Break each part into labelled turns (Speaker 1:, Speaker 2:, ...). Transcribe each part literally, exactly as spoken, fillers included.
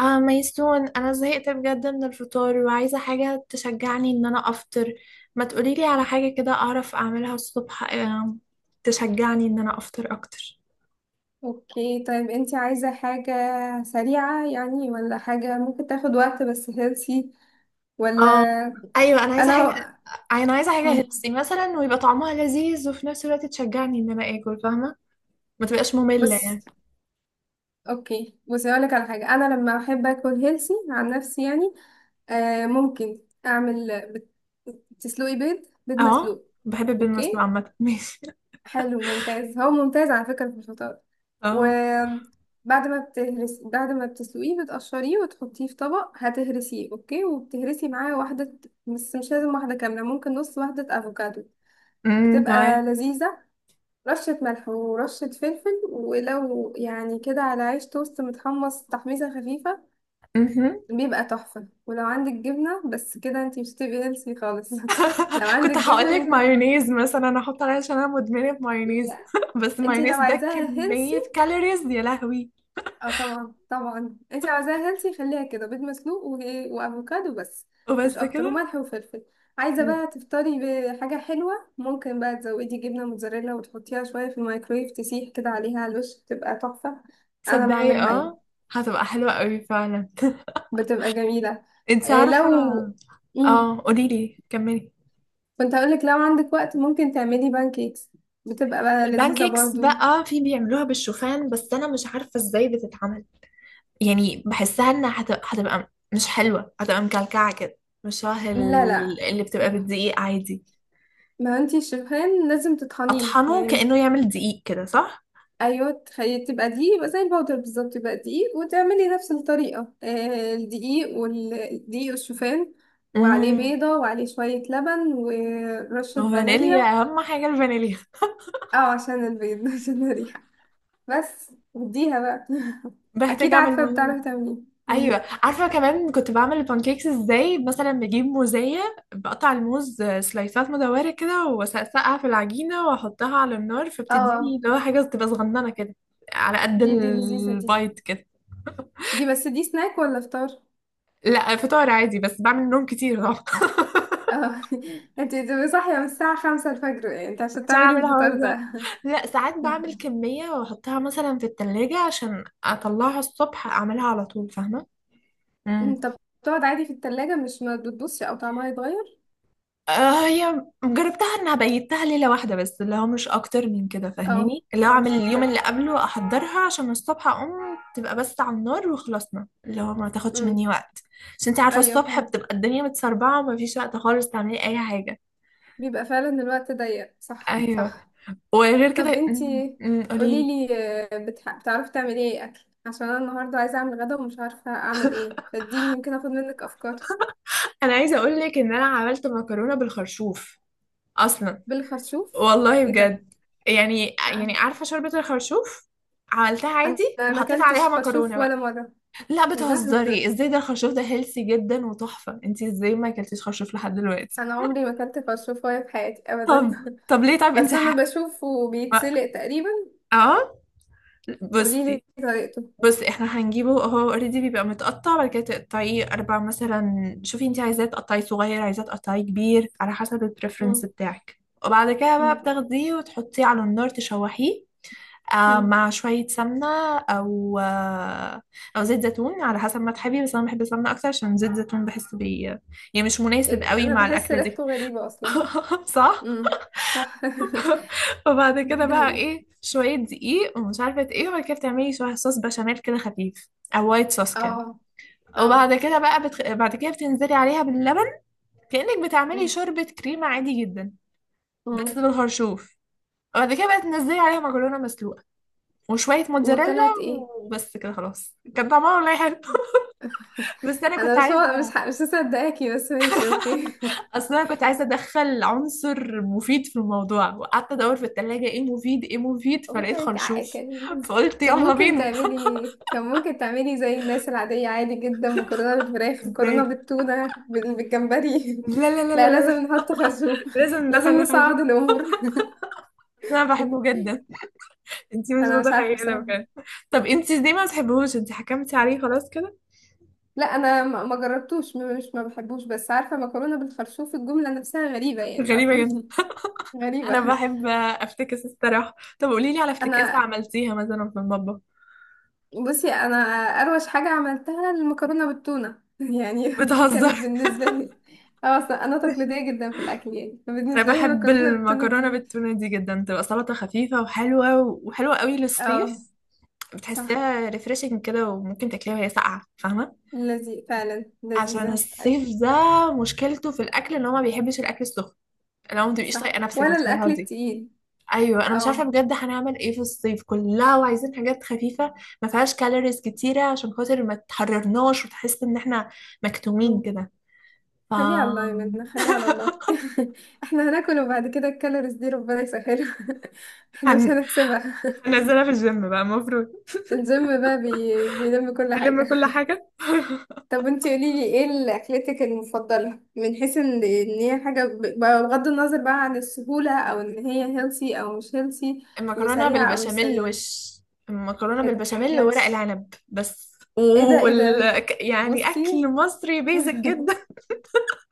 Speaker 1: اه ميسون، انا زهقت بجد من الفطار وعايزه حاجه تشجعني ان انا افطر. ما تقوليلي على حاجه كده اعرف اعملها الصبح؟ آه، تشجعني ان انا افطر اكتر.
Speaker 2: اوكي، طيب انتي عايزة حاجة سريعة يعني، ولا حاجة ممكن تاخد وقت بس هيلثي؟ ولا
Speaker 1: اه، ايوه انا عايزه حاجه
Speaker 2: انا
Speaker 1: انا عايزه حاجه
Speaker 2: مم.
Speaker 1: هيلثي مثلا ويبقى طعمها لذيذ وفي نفس الوقت تشجعني ان انا اكل، فاهمه؟ ما تبقاش ممله
Speaker 2: بص
Speaker 1: يعني.
Speaker 2: اوكي، بصي اقولك على حاجة. انا لما احب اكل هيلثي عن نفسي يعني آه ممكن اعمل بت- تسلقي بيض بيض
Speaker 1: اه،
Speaker 2: مسلوق.
Speaker 1: بحب البيض المسلوق
Speaker 2: اوكي،
Speaker 1: عامه ماشي.
Speaker 2: حلو ممتاز، هو ممتاز على فكرة في الفطار.
Speaker 1: اه،
Speaker 2: وبعد ما بتهرس بعد ما بتسلقيه بتقشريه وتحطيه في طبق، هتهرسيه اوكي، وبتهرسي معاه واحدة، بس مش لازم واحدة كاملة، ممكن نص واحدة افوكادو.
Speaker 1: امم،
Speaker 2: بتبقى
Speaker 1: تمام.
Speaker 2: لذيذة. رشة ملح ورشة فلفل، ولو يعني كده على عيش توست متحمص تحميصة خفيفة
Speaker 1: مهم.
Speaker 2: بيبقى تحفة. ولو عندك جبنة بس كده انتي مش هتبقي هيلثي خالص. لو عندك
Speaker 1: كنت هقول
Speaker 2: جبنة
Speaker 1: لك
Speaker 2: ممكن تحط.
Speaker 1: مايونيز مثلا، انا احط عليها عشان انا مدمنه مايونيز.
Speaker 2: لا.
Speaker 1: بس
Speaker 2: انتي لو
Speaker 1: مايونيز ده
Speaker 2: عايزاها هيلثي،
Speaker 1: كميه كالوريز يا لهوي.
Speaker 2: اه طبعا طبعا، انت عايزاها هيلثي خليها كده بيض مسلوق و... وافوكادو بس، مش
Speaker 1: وبس
Speaker 2: اكتر،
Speaker 1: كده؟
Speaker 2: وملح وفلفل. عايزه بقى تفطري بحاجه حلوه، ممكن بقى تزودي جبنه موتزاريلا وتحطيها شويه في الميكرويف تسيح كده عليها على الوش، بتبقى تحفه. انا
Speaker 1: تصدقي؟
Speaker 2: بعملها يعني.
Speaker 1: اه، هتبقى حلوه قوي فعلا
Speaker 2: بتبقى جميله.
Speaker 1: انت
Speaker 2: إيه لو
Speaker 1: عارفه.
Speaker 2: مم.
Speaker 1: اه، قولي لي، كملي.
Speaker 2: كنت هقولك لو عندك وقت ممكن تعملي بانكيكس، بتبقى بقى لذيذه
Speaker 1: البانكيكس
Speaker 2: برضو.
Speaker 1: بقى في بيعملوها بالشوفان بس انا مش عارفه ازاي بتتعمل. يعني بحسها انها هت- هتبقى مش حلوه، هتبقى مكلكعه كده، مش شبه
Speaker 2: لا،
Speaker 1: ال-
Speaker 2: لا،
Speaker 1: اللي بتبقى بالدقيق عادي.
Speaker 2: ما انتي الشوفان لازم تطحنيه
Speaker 1: اطحنه
Speaker 2: يعني، مش...
Speaker 1: كانه يعمل دقيق كده، صح؟
Speaker 2: ايوه، تخيل تبقى دقيق، يبقى زي البودر بالظبط، يبقى دقيق وتعملي نفس الطريقه، آه، الدقيق والدقيق والشوفان، وعليه بيضه وعليه شويه لبن ورشه فانيليا.
Speaker 1: فانيليا، اهم حاجه الفانيليا.
Speaker 2: اه عشان البيض، عشان الريحه. بس وديها بقى.
Speaker 1: بحتاج
Speaker 2: اكيد
Speaker 1: اعمل
Speaker 2: عارفه
Speaker 1: الموضوع ده.
Speaker 2: بتعرفي تعمليه.
Speaker 1: ايوه
Speaker 2: مم.
Speaker 1: عارفه، كمان كنت بعمل البانكيكس ازاي، مثلا بجيب موزيه بقطع الموز سلايسات مدوره كده واسقسقها في العجينه واحطها على النار، فبتديني
Speaker 2: اه،
Speaker 1: اللي هو حاجه تبقى صغننه كده، على قد
Speaker 2: دي دي لذيذه دي.
Speaker 1: البايت كده.
Speaker 2: دي بس، دي سناك ولا فطار؟
Speaker 1: لا، فطار عادي، بس بعمل نوم كتير طبعا
Speaker 2: اه. انت بتبقي صاحيه من الساعه خمسة الفجر يعني، انت عشان
Speaker 1: عشان
Speaker 2: تعملي
Speaker 1: اعمل الحوار
Speaker 2: الفطار
Speaker 1: ده.
Speaker 2: ده؟
Speaker 1: لا، ساعات بعمل كميه واحطها مثلا في التلاجة عشان اطلعها الصبح اعملها على طول، فاهمه؟
Speaker 2: طب، بتقعد عادي في التلاجة، مش ما بتبصي او طعمها يتغير؟
Speaker 1: آه، هي جربتها انها بيتها ليلة واحدة بس، اللي هو مش اكتر من كده،
Speaker 2: اه،
Speaker 1: فاهماني؟ اللي هو اعمل
Speaker 2: مش
Speaker 1: اليوم
Speaker 2: اكتر.
Speaker 1: اللي قبله احضرها عشان الصبح اقوم تبقى بس على النار وخلصنا، اللي هو ما تاخدش
Speaker 2: امم
Speaker 1: مني وقت. عشان انت عارفة
Speaker 2: ايوه،
Speaker 1: الصبح
Speaker 2: فهمت.
Speaker 1: بتبقى الدنيا متسربعة وما فيش وقت خالص تعملي اي حاجة.
Speaker 2: بيبقى فعلا الوقت ضيق، صح،
Speaker 1: ايوه.
Speaker 2: صح.
Speaker 1: وغير
Speaker 2: طب
Speaker 1: كده أمم،
Speaker 2: انتي،
Speaker 1: أمم، قوليلي.
Speaker 2: قوليلي، آه، بتح... بتعرفي تعملي ايه اكل؟ عشان انا النهارده عايزه اعمل غدا ومش عارفه اعمل ايه، فاديني يمكن اخد منك افكار.
Speaker 1: انا عايزة اقولك ان انا عملت مكرونة بالخرشوف اصلا،
Speaker 2: بالخرشوف؟
Speaker 1: والله
Speaker 2: ايه ده!
Speaker 1: بجد. يعني يعني
Speaker 2: يعني
Speaker 1: عارفة شوربة الخرشوف؟ عملتها
Speaker 2: انا
Speaker 1: عادي
Speaker 2: أنا ما
Speaker 1: وحطيت
Speaker 2: اكلتش
Speaker 1: عليها
Speaker 2: خرشوف
Speaker 1: مكرونة
Speaker 2: ولا
Speaker 1: بقى.
Speaker 2: مره.
Speaker 1: لا
Speaker 2: ايه ده!
Speaker 1: بتهزري، ازاي؟ ده الخرشوف ده هيلثي جدا وتحفة. انتي ازاي ما اكلتيش خرشوف لحد دلوقتي؟
Speaker 2: انا عمري ما اكلت خرشوف ولا في حياتي ابدا.
Speaker 1: طب طب ليه، طب
Speaker 2: بس
Speaker 1: انتي
Speaker 2: انا
Speaker 1: ح...
Speaker 2: بشوفه
Speaker 1: ما-
Speaker 2: بيتسلق تقريبا.
Speaker 1: اه
Speaker 2: قوليلي
Speaker 1: بصي.
Speaker 2: طريقته.
Speaker 1: بصي احنا هنجيبه، هو اوريدي بيبقى متقطع. بعد كده تقطعيه اربع مثلا، شوفي انتي عايزاه تقطعيه صغير عايزاه تقطعيه كبير، على حسب البريفرنس
Speaker 2: مم.
Speaker 1: بتاعك. وبعد كده بقى
Speaker 2: مم.
Speaker 1: بتاخديه وتحطيه على النار تشوحيه، آه،
Speaker 2: مم.
Speaker 1: مع شوية سمنة أو آه، أو زيت زيتون، على حسب ما تحبي، بس أنا بحب السمنة أكتر عشان زيت زيتون بحس بي يعني مش مناسب
Speaker 2: إيه،
Speaker 1: قوي
Speaker 2: انا
Speaker 1: مع
Speaker 2: بحس
Speaker 1: الأكلة دي.
Speaker 2: ريحته غريبه اصلا.
Speaker 1: صح؟
Speaker 2: امم. صح.
Speaker 1: وبعد كده
Speaker 2: ده
Speaker 1: بقى
Speaker 2: هي.
Speaker 1: إيه، شوية دقيق ومش عارفة إيه، وبعد كده بتعملي شوية صوص بشاميل كده خفيف، أو وايت صوص كده.
Speaker 2: اه. اه.
Speaker 1: وبعد كده بقى بتخ... بعد كده بتنزلي عليها باللبن، كأنك بتعملي
Speaker 2: مم.
Speaker 1: شوربة كريمة عادي جدا، بس
Speaker 2: مم.
Speaker 1: بالخرشوف. وبعد كده بقى تنزلي عليها مكرونة مسلوقة وشوية موتزاريلا،
Speaker 2: وطلعت ايه؟
Speaker 1: وبس كده خلاص. كان طعمها والله حلو. بس أنا كنت
Speaker 2: انا مش... مش
Speaker 1: عايزة،
Speaker 2: ح- مش مصدقاكي، بس ماشي اوكي.
Speaker 1: أصل أنا كنت عايزة أدخل عنصر مفيد في الموضوع، وقعدت أدور في التلاجة، إيه مفيد إيه مفيد، فلقيت
Speaker 2: ممكن تع-
Speaker 1: خرشوف
Speaker 2: كان
Speaker 1: فقلت
Speaker 2: كان
Speaker 1: يلا
Speaker 2: ممكن
Speaker 1: بينا.
Speaker 2: تعملي، كان ممكن تعملي زي الناس العادية، عادي جدا، مكرونة بالفراخ، مكرونة
Speaker 1: إزاي؟
Speaker 2: بالتونة، بال- بالجمبري.
Speaker 1: لا لا لا لا
Speaker 2: لا
Speaker 1: لا
Speaker 2: لازم
Speaker 1: لا.
Speaker 2: نحط خازوق،
Speaker 1: لازم ندخل
Speaker 2: لازم
Speaker 1: الخرشوف،
Speaker 2: نصعد الأمور.
Speaker 1: بس أنا بحبه جدا. أنتي مش
Speaker 2: أنا مش عارفة
Speaker 1: متخيلة
Speaker 2: بصراحة.
Speaker 1: بجد. طب أنتي ليه ما بتحبهوش؟ أنتي حكمتي عليه خلاص كده.
Speaker 2: لا، انا ما ما جربتوش، م- مش ما بحبوش، بس عارفه مكرونه بالخرشوف الجمله نفسها غريبه يعني
Speaker 1: غريبة جدا.
Speaker 2: اصلا. غريبه.
Speaker 1: أنا بحب أفتكس الصراحة. طب قوليلي على افتكاسة
Speaker 2: انا
Speaker 1: عملتيها مثلا في المطبخ.
Speaker 2: بصي انا اروش حاجه عملتها المكرونه بالتونه، يعني دي
Speaker 1: بتهزر.
Speaker 2: كانت بالنسبه لي. اه اصلا انا تقليديه جدا في الاكل يعني،
Speaker 1: انا
Speaker 2: فبالنسبه لي
Speaker 1: بحب
Speaker 2: المكرونه بالتونه
Speaker 1: المكرونه
Speaker 2: دي...
Speaker 1: بالتونه دي جدا، تبقى سلطه خفيفه وحلوه، وحلوه قوي
Speaker 2: اه.
Speaker 1: للصيف.
Speaker 2: صح.
Speaker 1: بتحسيها ريفريشنج كده، وممكن تاكليها وهي ساقعه، فاهمه؟
Speaker 2: لذيذ فعلا،
Speaker 1: عشان
Speaker 2: لذيذه.
Speaker 1: الصيف ده مشكلته في الاكل ان هو ما بيحبش الاكل السخن، لو ما تبقيش
Speaker 2: صح،
Speaker 1: طايقه نفسك
Speaker 2: ولا الاكل
Speaker 1: بتفرهدي.
Speaker 2: التقيل.
Speaker 1: ايوه انا مش عارفه
Speaker 2: اه.
Speaker 1: بجد هنعمل ايه في الصيف كلها وعايزين حاجات خفيفه ما فيهاش كالوريز كتيره عشان خاطر ما تحررناش وتحس ان احنا مكتومين كده. ف
Speaker 2: خليها على الله يا منى، خليها على الله. احنا هناكل وبعد كده الكالوريز دي ربنا يسهلها. احنا مش
Speaker 1: هن...
Speaker 2: هنحسبها.
Speaker 1: هنزلها في الجيم بقى المفروض.
Speaker 2: الجيم بقى بي... بيلم كل
Speaker 1: هنلم
Speaker 2: حاجة.
Speaker 1: كل حاجه.
Speaker 2: طب انتي قوليلي، ايه ال- اكلتك المفضلة، من حيث ان ان هي حاجة، ب- بغض النظر بقى عن السهولة، او ان هي هيلثي او مش هيلثي،
Speaker 1: المكرونة
Speaker 2: وسريعة او مش
Speaker 1: بالبشاميل
Speaker 2: سريعة؟
Speaker 1: وش المكرونة
Speaker 2: ايه ده!
Speaker 1: بالبشاميل وورق
Speaker 2: ماتش!
Speaker 1: العنب بس،
Speaker 2: ايه ده، ايه ده!
Speaker 1: وال... ك- يعني
Speaker 2: بصي.
Speaker 1: أكل مصري بيزك جدا.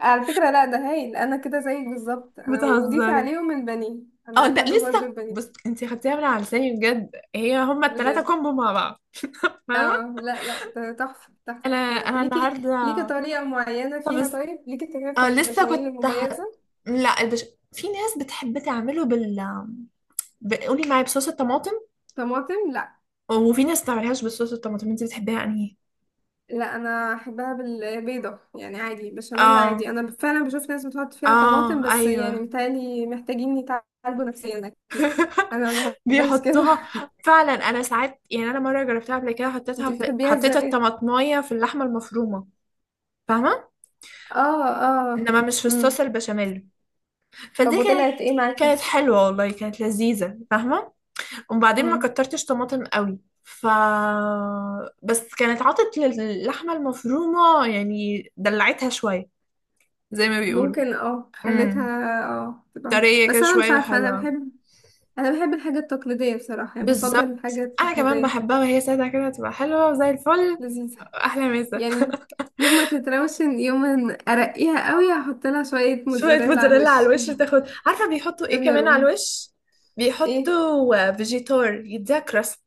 Speaker 2: على فكرة، لا، ده هايل. انا كده زيك بالظبط، انا وضيفي
Speaker 1: بتهزري.
Speaker 2: عليهم البانيه.
Speaker 1: اه
Speaker 2: انا
Speaker 1: ده
Speaker 2: احب برضو
Speaker 1: لسه،
Speaker 2: البانيه،
Speaker 1: بص انتي خدتيها من على لساني بجد، هي هما التلاتة
Speaker 2: بجد.
Speaker 1: كومبو مع بعض، فاهمة؟
Speaker 2: اه، لا، لا، ده تحفة، تحفة.
Speaker 1: انا انا
Speaker 2: ليكي
Speaker 1: النهاردة،
Speaker 2: ليكي طريقة معينة
Speaker 1: طب
Speaker 2: فيها؟
Speaker 1: بس
Speaker 2: طيب ليكي طريقة في
Speaker 1: اه لسه
Speaker 2: البشاميل
Speaker 1: كنت ه...
Speaker 2: المميزة؟
Speaker 1: لا، البش... في ناس بتحب تعمله بال ب- قولي معايا بصوص الطماطم،
Speaker 2: طماطم، لا.
Speaker 1: وفي ناس ما تعملهاش بصوص الطماطم. انتي بتحبيها انهي؟
Speaker 2: لا، انا احبها بالبيضة يعني، عادي بشاميل
Speaker 1: اه،
Speaker 2: عادي. انا فعلا بشوف ناس بتحط فيها طماطم،
Speaker 1: اه،
Speaker 2: بس
Speaker 1: ايوه
Speaker 2: يعني متهيألي محتاجين يتعالجوا نفسيا اكيد. انا ما بحبهاش كده.
Speaker 1: بيحطوها فعلا. انا ساعات يعني، انا مره جربتها قبل كده، حطيتها
Speaker 2: انتي
Speaker 1: في
Speaker 2: بتحبيها
Speaker 1: حطيت
Speaker 2: ازاي؟
Speaker 1: الطماطمايه في اللحمه المفرومه، فاهمه؟
Speaker 2: اه، اه.
Speaker 1: انما مش في
Speaker 2: امم
Speaker 1: الصوص البشاميل،
Speaker 2: طب
Speaker 1: فدي كانت
Speaker 2: وطلعت ايه معاكي؟
Speaker 1: كانت حلوه والله، كانت لذيذه، فاهمه؟ وبعدين ما
Speaker 2: امم
Speaker 1: كترتش طماطم قوي، ف بس كانت عطت للحمه المفرومه يعني دلعتها شويه، زي ما بيقولوا.
Speaker 2: ممكن، اه خليتها،
Speaker 1: امم،
Speaker 2: اه تبقى.
Speaker 1: طريه كده
Speaker 2: بس انا مش
Speaker 1: شويه،
Speaker 2: عارفة. انا
Speaker 1: حلوه.
Speaker 2: بحب انا بحب الحاجه التقليديه بصراحه، يعني بفضل
Speaker 1: بالظبط
Speaker 2: الحاجه
Speaker 1: انا كمان
Speaker 2: التقليديه.
Speaker 1: بحبها وهي ساده كده، تبقى حلوه زي الفل.
Speaker 2: لذيذه.
Speaker 1: احلى مسا.
Speaker 2: يعني يوم ما تتروشن، يوم ما ارقيها قوي، هحط لها شويه
Speaker 1: شوية
Speaker 2: موتزاريلا على
Speaker 1: موتزاريلا على
Speaker 2: الوش.
Speaker 1: الوش تاخد، عارفة بيحطوا ايه
Speaker 2: جبنه
Speaker 1: كمان على
Speaker 2: رومي!
Speaker 1: الوش؟
Speaker 2: ايه!
Speaker 1: بيحطوا فيجيتار يديها كراست.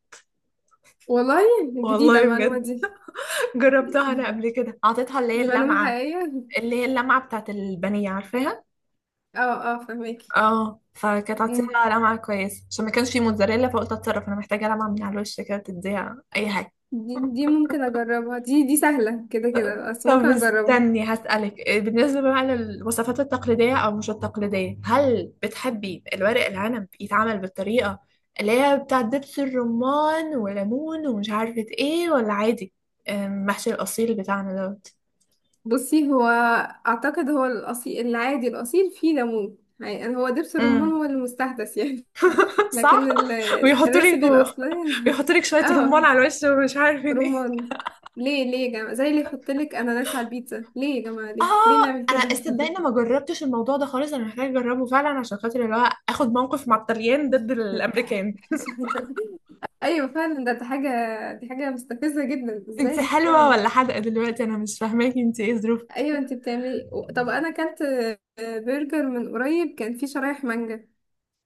Speaker 2: والله! جديده
Speaker 1: والله
Speaker 2: المعلومه
Speaker 1: بجد.
Speaker 2: دي.
Speaker 1: جربتها انا قبل كده، اعطيتها اللي هي
Speaker 2: دي معلومه
Speaker 1: اللمعة،
Speaker 2: حقيقيه.
Speaker 1: اللي هي اللمعة بتاعت البانيه، عارفاها؟
Speaker 2: اه، اه، فهماكي.
Speaker 1: اه، فكانت
Speaker 2: مم.
Speaker 1: عطيتها لمعة كويسة عشان ما كانش في موتزاريلا، فقلت اتصرف، انا محتاجة لمعة من على الوش كده تديها اي حاجة.
Speaker 2: دي, دي ممكن اجربها، دي دي سهله كده كده بس، ممكن
Speaker 1: طب
Speaker 2: اجربها.
Speaker 1: استني هسألك بالنسبة بقى للوصفات التقليدية أو مش التقليدية، هل بتحبي الورق العنب يتعمل بالطريقة اللي هي بتاع دبس الرمان وليمون ومش عارفة ايه، ولا عادي، أم، محشي الأصيل بتاعنا دوت؟
Speaker 2: بصي هو، اعتقد هو الاصيل العادي، الاصيل فيه ليمون يعني، هو دبس الرمان
Speaker 1: امم،
Speaker 2: هو المستحدث يعني.
Speaker 1: صح.
Speaker 2: لكن ال-
Speaker 1: ويحطوا لك
Speaker 2: الريسيبي الأصلية.
Speaker 1: ويحطوا لك شوية
Speaker 2: اه،
Speaker 1: رمان على الوش ومش عارفين ايه.
Speaker 2: رمان. ليه ليه يا جماعة؟ زي اللي يحط لك أناناس على البيتزا. ليه يا جماعة؟ ليه ليه
Speaker 1: اه
Speaker 2: نعمل
Speaker 1: انا
Speaker 2: كده؟
Speaker 1: استدعي ما جربتش الموضوع ده خالص، انا محتاجة اجربه فعلا عشان خاطر اللي هو اخد موقف مع الطليان ضد الامريكان.
Speaker 2: ايوه فعلا. ده دي حاجه دي حاجه مستفزه جدا،
Speaker 1: انت
Speaker 2: ازاي
Speaker 1: حلوة
Speaker 2: يعني.
Speaker 1: ولا حادقة دلوقتي؟ انا مش فاهماكي، انت ايه ظروفك؟
Speaker 2: ايوه، انت بتعملي و- طب انا اكلت آه، برجر من قريب كان فيه شرايح مانجا.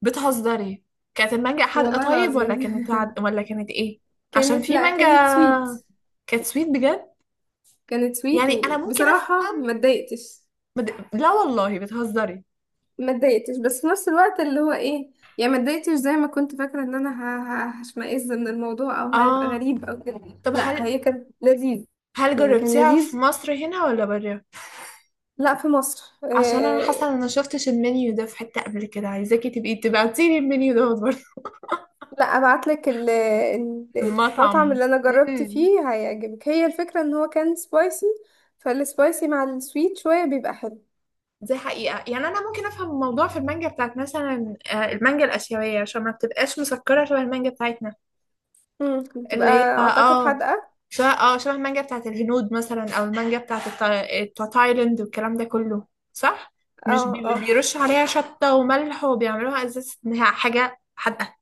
Speaker 1: بتهزري. كانت المانجا حادقة
Speaker 2: والله
Speaker 1: طيب، ولا
Speaker 2: العظيم.
Speaker 1: كانت عد... ولا كانت ايه؟ عشان
Speaker 2: كانت
Speaker 1: في
Speaker 2: لا، كانت سويت.
Speaker 1: مانجا كانت سويت بجد،
Speaker 2: كانت سويت
Speaker 1: يعني انا ممكن
Speaker 2: وبصراحه
Speaker 1: افهم.
Speaker 2: ما اتضايقتش.
Speaker 1: بد... لا والله بتهزري.
Speaker 2: ما اتضايقتش بس في نفس الوقت اللي هو ايه، يعني ما اتضايقتش زي ما كنت فاكره ان انا ه- ه- هشمئز من الموضوع او هيبقى
Speaker 1: اه،
Speaker 2: غريب او كده.
Speaker 1: طب
Speaker 2: لا،
Speaker 1: هل
Speaker 2: هي كانت لذيذ،
Speaker 1: هل
Speaker 2: يعني كان
Speaker 1: جربتيها في
Speaker 2: لذيذ.
Speaker 1: مصر هنا ولا برا؟
Speaker 2: لا، في مصر،
Speaker 1: عشان انا
Speaker 2: آه.
Speaker 1: حاسة ان انا شفتش المنيو ده في حتة قبل كده، عايزاكي تبقي تبعتيلي المنيو ده برضه.
Speaker 2: لا، ابعت لك المطعم
Speaker 1: المطعم.
Speaker 2: اللي انا جربت
Speaker 1: مم.
Speaker 2: فيه هيعجبك. هي الفكره ان هو كان سبايسي، فالسبايسي مع السويت شويه بيبقى حلو.
Speaker 1: دي حقيقة يعني. أنا ممكن أفهم الموضوع في المانجا بتاعت مثلا آه، المانجا الآسيوية عشان ما بتبقاش مسكرة شبه المانجا بتاعتنا،
Speaker 2: امم بتبقى،
Speaker 1: اللي هي اه
Speaker 2: اعتقد
Speaker 1: آه،
Speaker 2: حادقه.
Speaker 1: شبه اه شبه المانجا بتاعت الهنود مثلا، أو المانجا بتاعت التا- بتاع تايلاند والكلام ده كله، صح؟ مش
Speaker 2: اه،
Speaker 1: بي-
Speaker 2: اه.
Speaker 1: بيرشوا عليها شطة وملح وبيعملوها أساس إنها حاجة حادقة،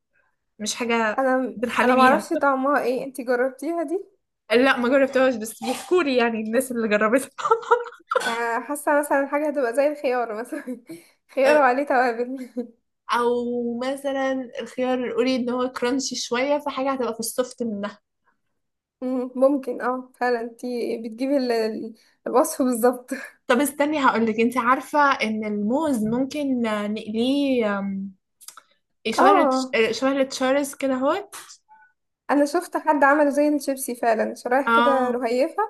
Speaker 1: مش حاجة
Speaker 2: انا
Speaker 1: بنحلي
Speaker 2: انا
Speaker 1: بيها.
Speaker 2: معرفش طعمها ايه، انتي جربتيها دي؟
Speaker 1: لا، ما جربتهاش بس بيحكولي يعني الناس اللي جربتها.
Speaker 2: آه، حاسة مثلا حاجة هتبقى زي الخيار مثلا، خيار وعليه توابل.
Speaker 1: أو مثلا الخيار القولي إن هو كرانشي شوية، فحاجة هتبقى في السوفت منها.
Speaker 2: مم، ممكن، اه فعلا انتي بتجيبي ال- ال- الوصف بالظبط.
Speaker 1: طب استني هقولك، انت عارفة ان الموز ممكن آه، نقليه آم، إيه، شبه التش-
Speaker 2: اه،
Speaker 1: آه، شبه التشارز كده اهوت؟
Speaker 2: انا شفت حد عمل زي الشيبسي فعلا، شرايح كده
Speaker 1: اه،
Speaker 2: رهيفة،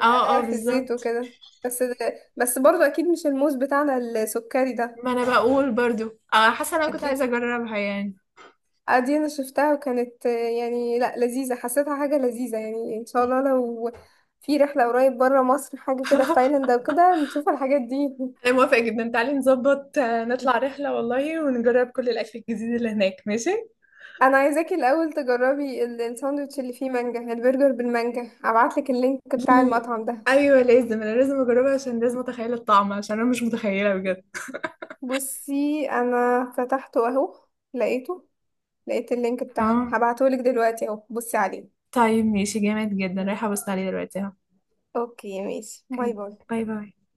Speaker 1: اه، اه،
Speaker 2: في الزيت
Speaker 1: بالظبط.
Speaker 2: وكده. بس ده، بس برضه اكيد مش الموز بتاعنا السكري ده.
Speaker 1: ما انا بقول برضو، اه، حاسة انا كنت
Speaker 2: اكيد.
Speaker 1: عايزة اجربها يعني.
Speaker 2: آه، دي انا شفتها، وكانت آه، يعني لا لذيذة، حسيتها حاجة لذيذة يعني. ان شاء الله لو في رحلة قريب برا مصر حاجة كده في تايلاند او كده نشوف الحاجات دي.
Speaker 1: انا موافقة جدا، تعالي نظبط آه، نطلع رحلة والله ونجرب كل الاكل الجديد اللي هناك، ماشي؟
Speaker 2: انا عايزاكي الاول تجربي ال- الساندوتش اللي فيه مانجا، البرجر بالمانجا. هبعتلك اللينك بتاع
Speaker 1: ل-
Speaker 2: المطعم ده.
Speaker 1: ايوه لازم، انا لازم اجربها عشان لازم اتخيل الطعم، عشان انا مش متخيلة بجد.
Speaker 2: بصي انا فتحته اهو، لقيته. لقيت اللينك بتاعهم،
Speaker 1: اه
Speaker 2: هبعتهولك دلوقتي اهو، بصي عليه.
Speaker 1: طيب، ماشي جامد جدا، رايحة ابص عليه دلوقتي اهو.
Speaker 2: اوكي ماشي، باي
Speaker 1: اوكي،
Speaker 2: باي.
Speaker 1: باي باي.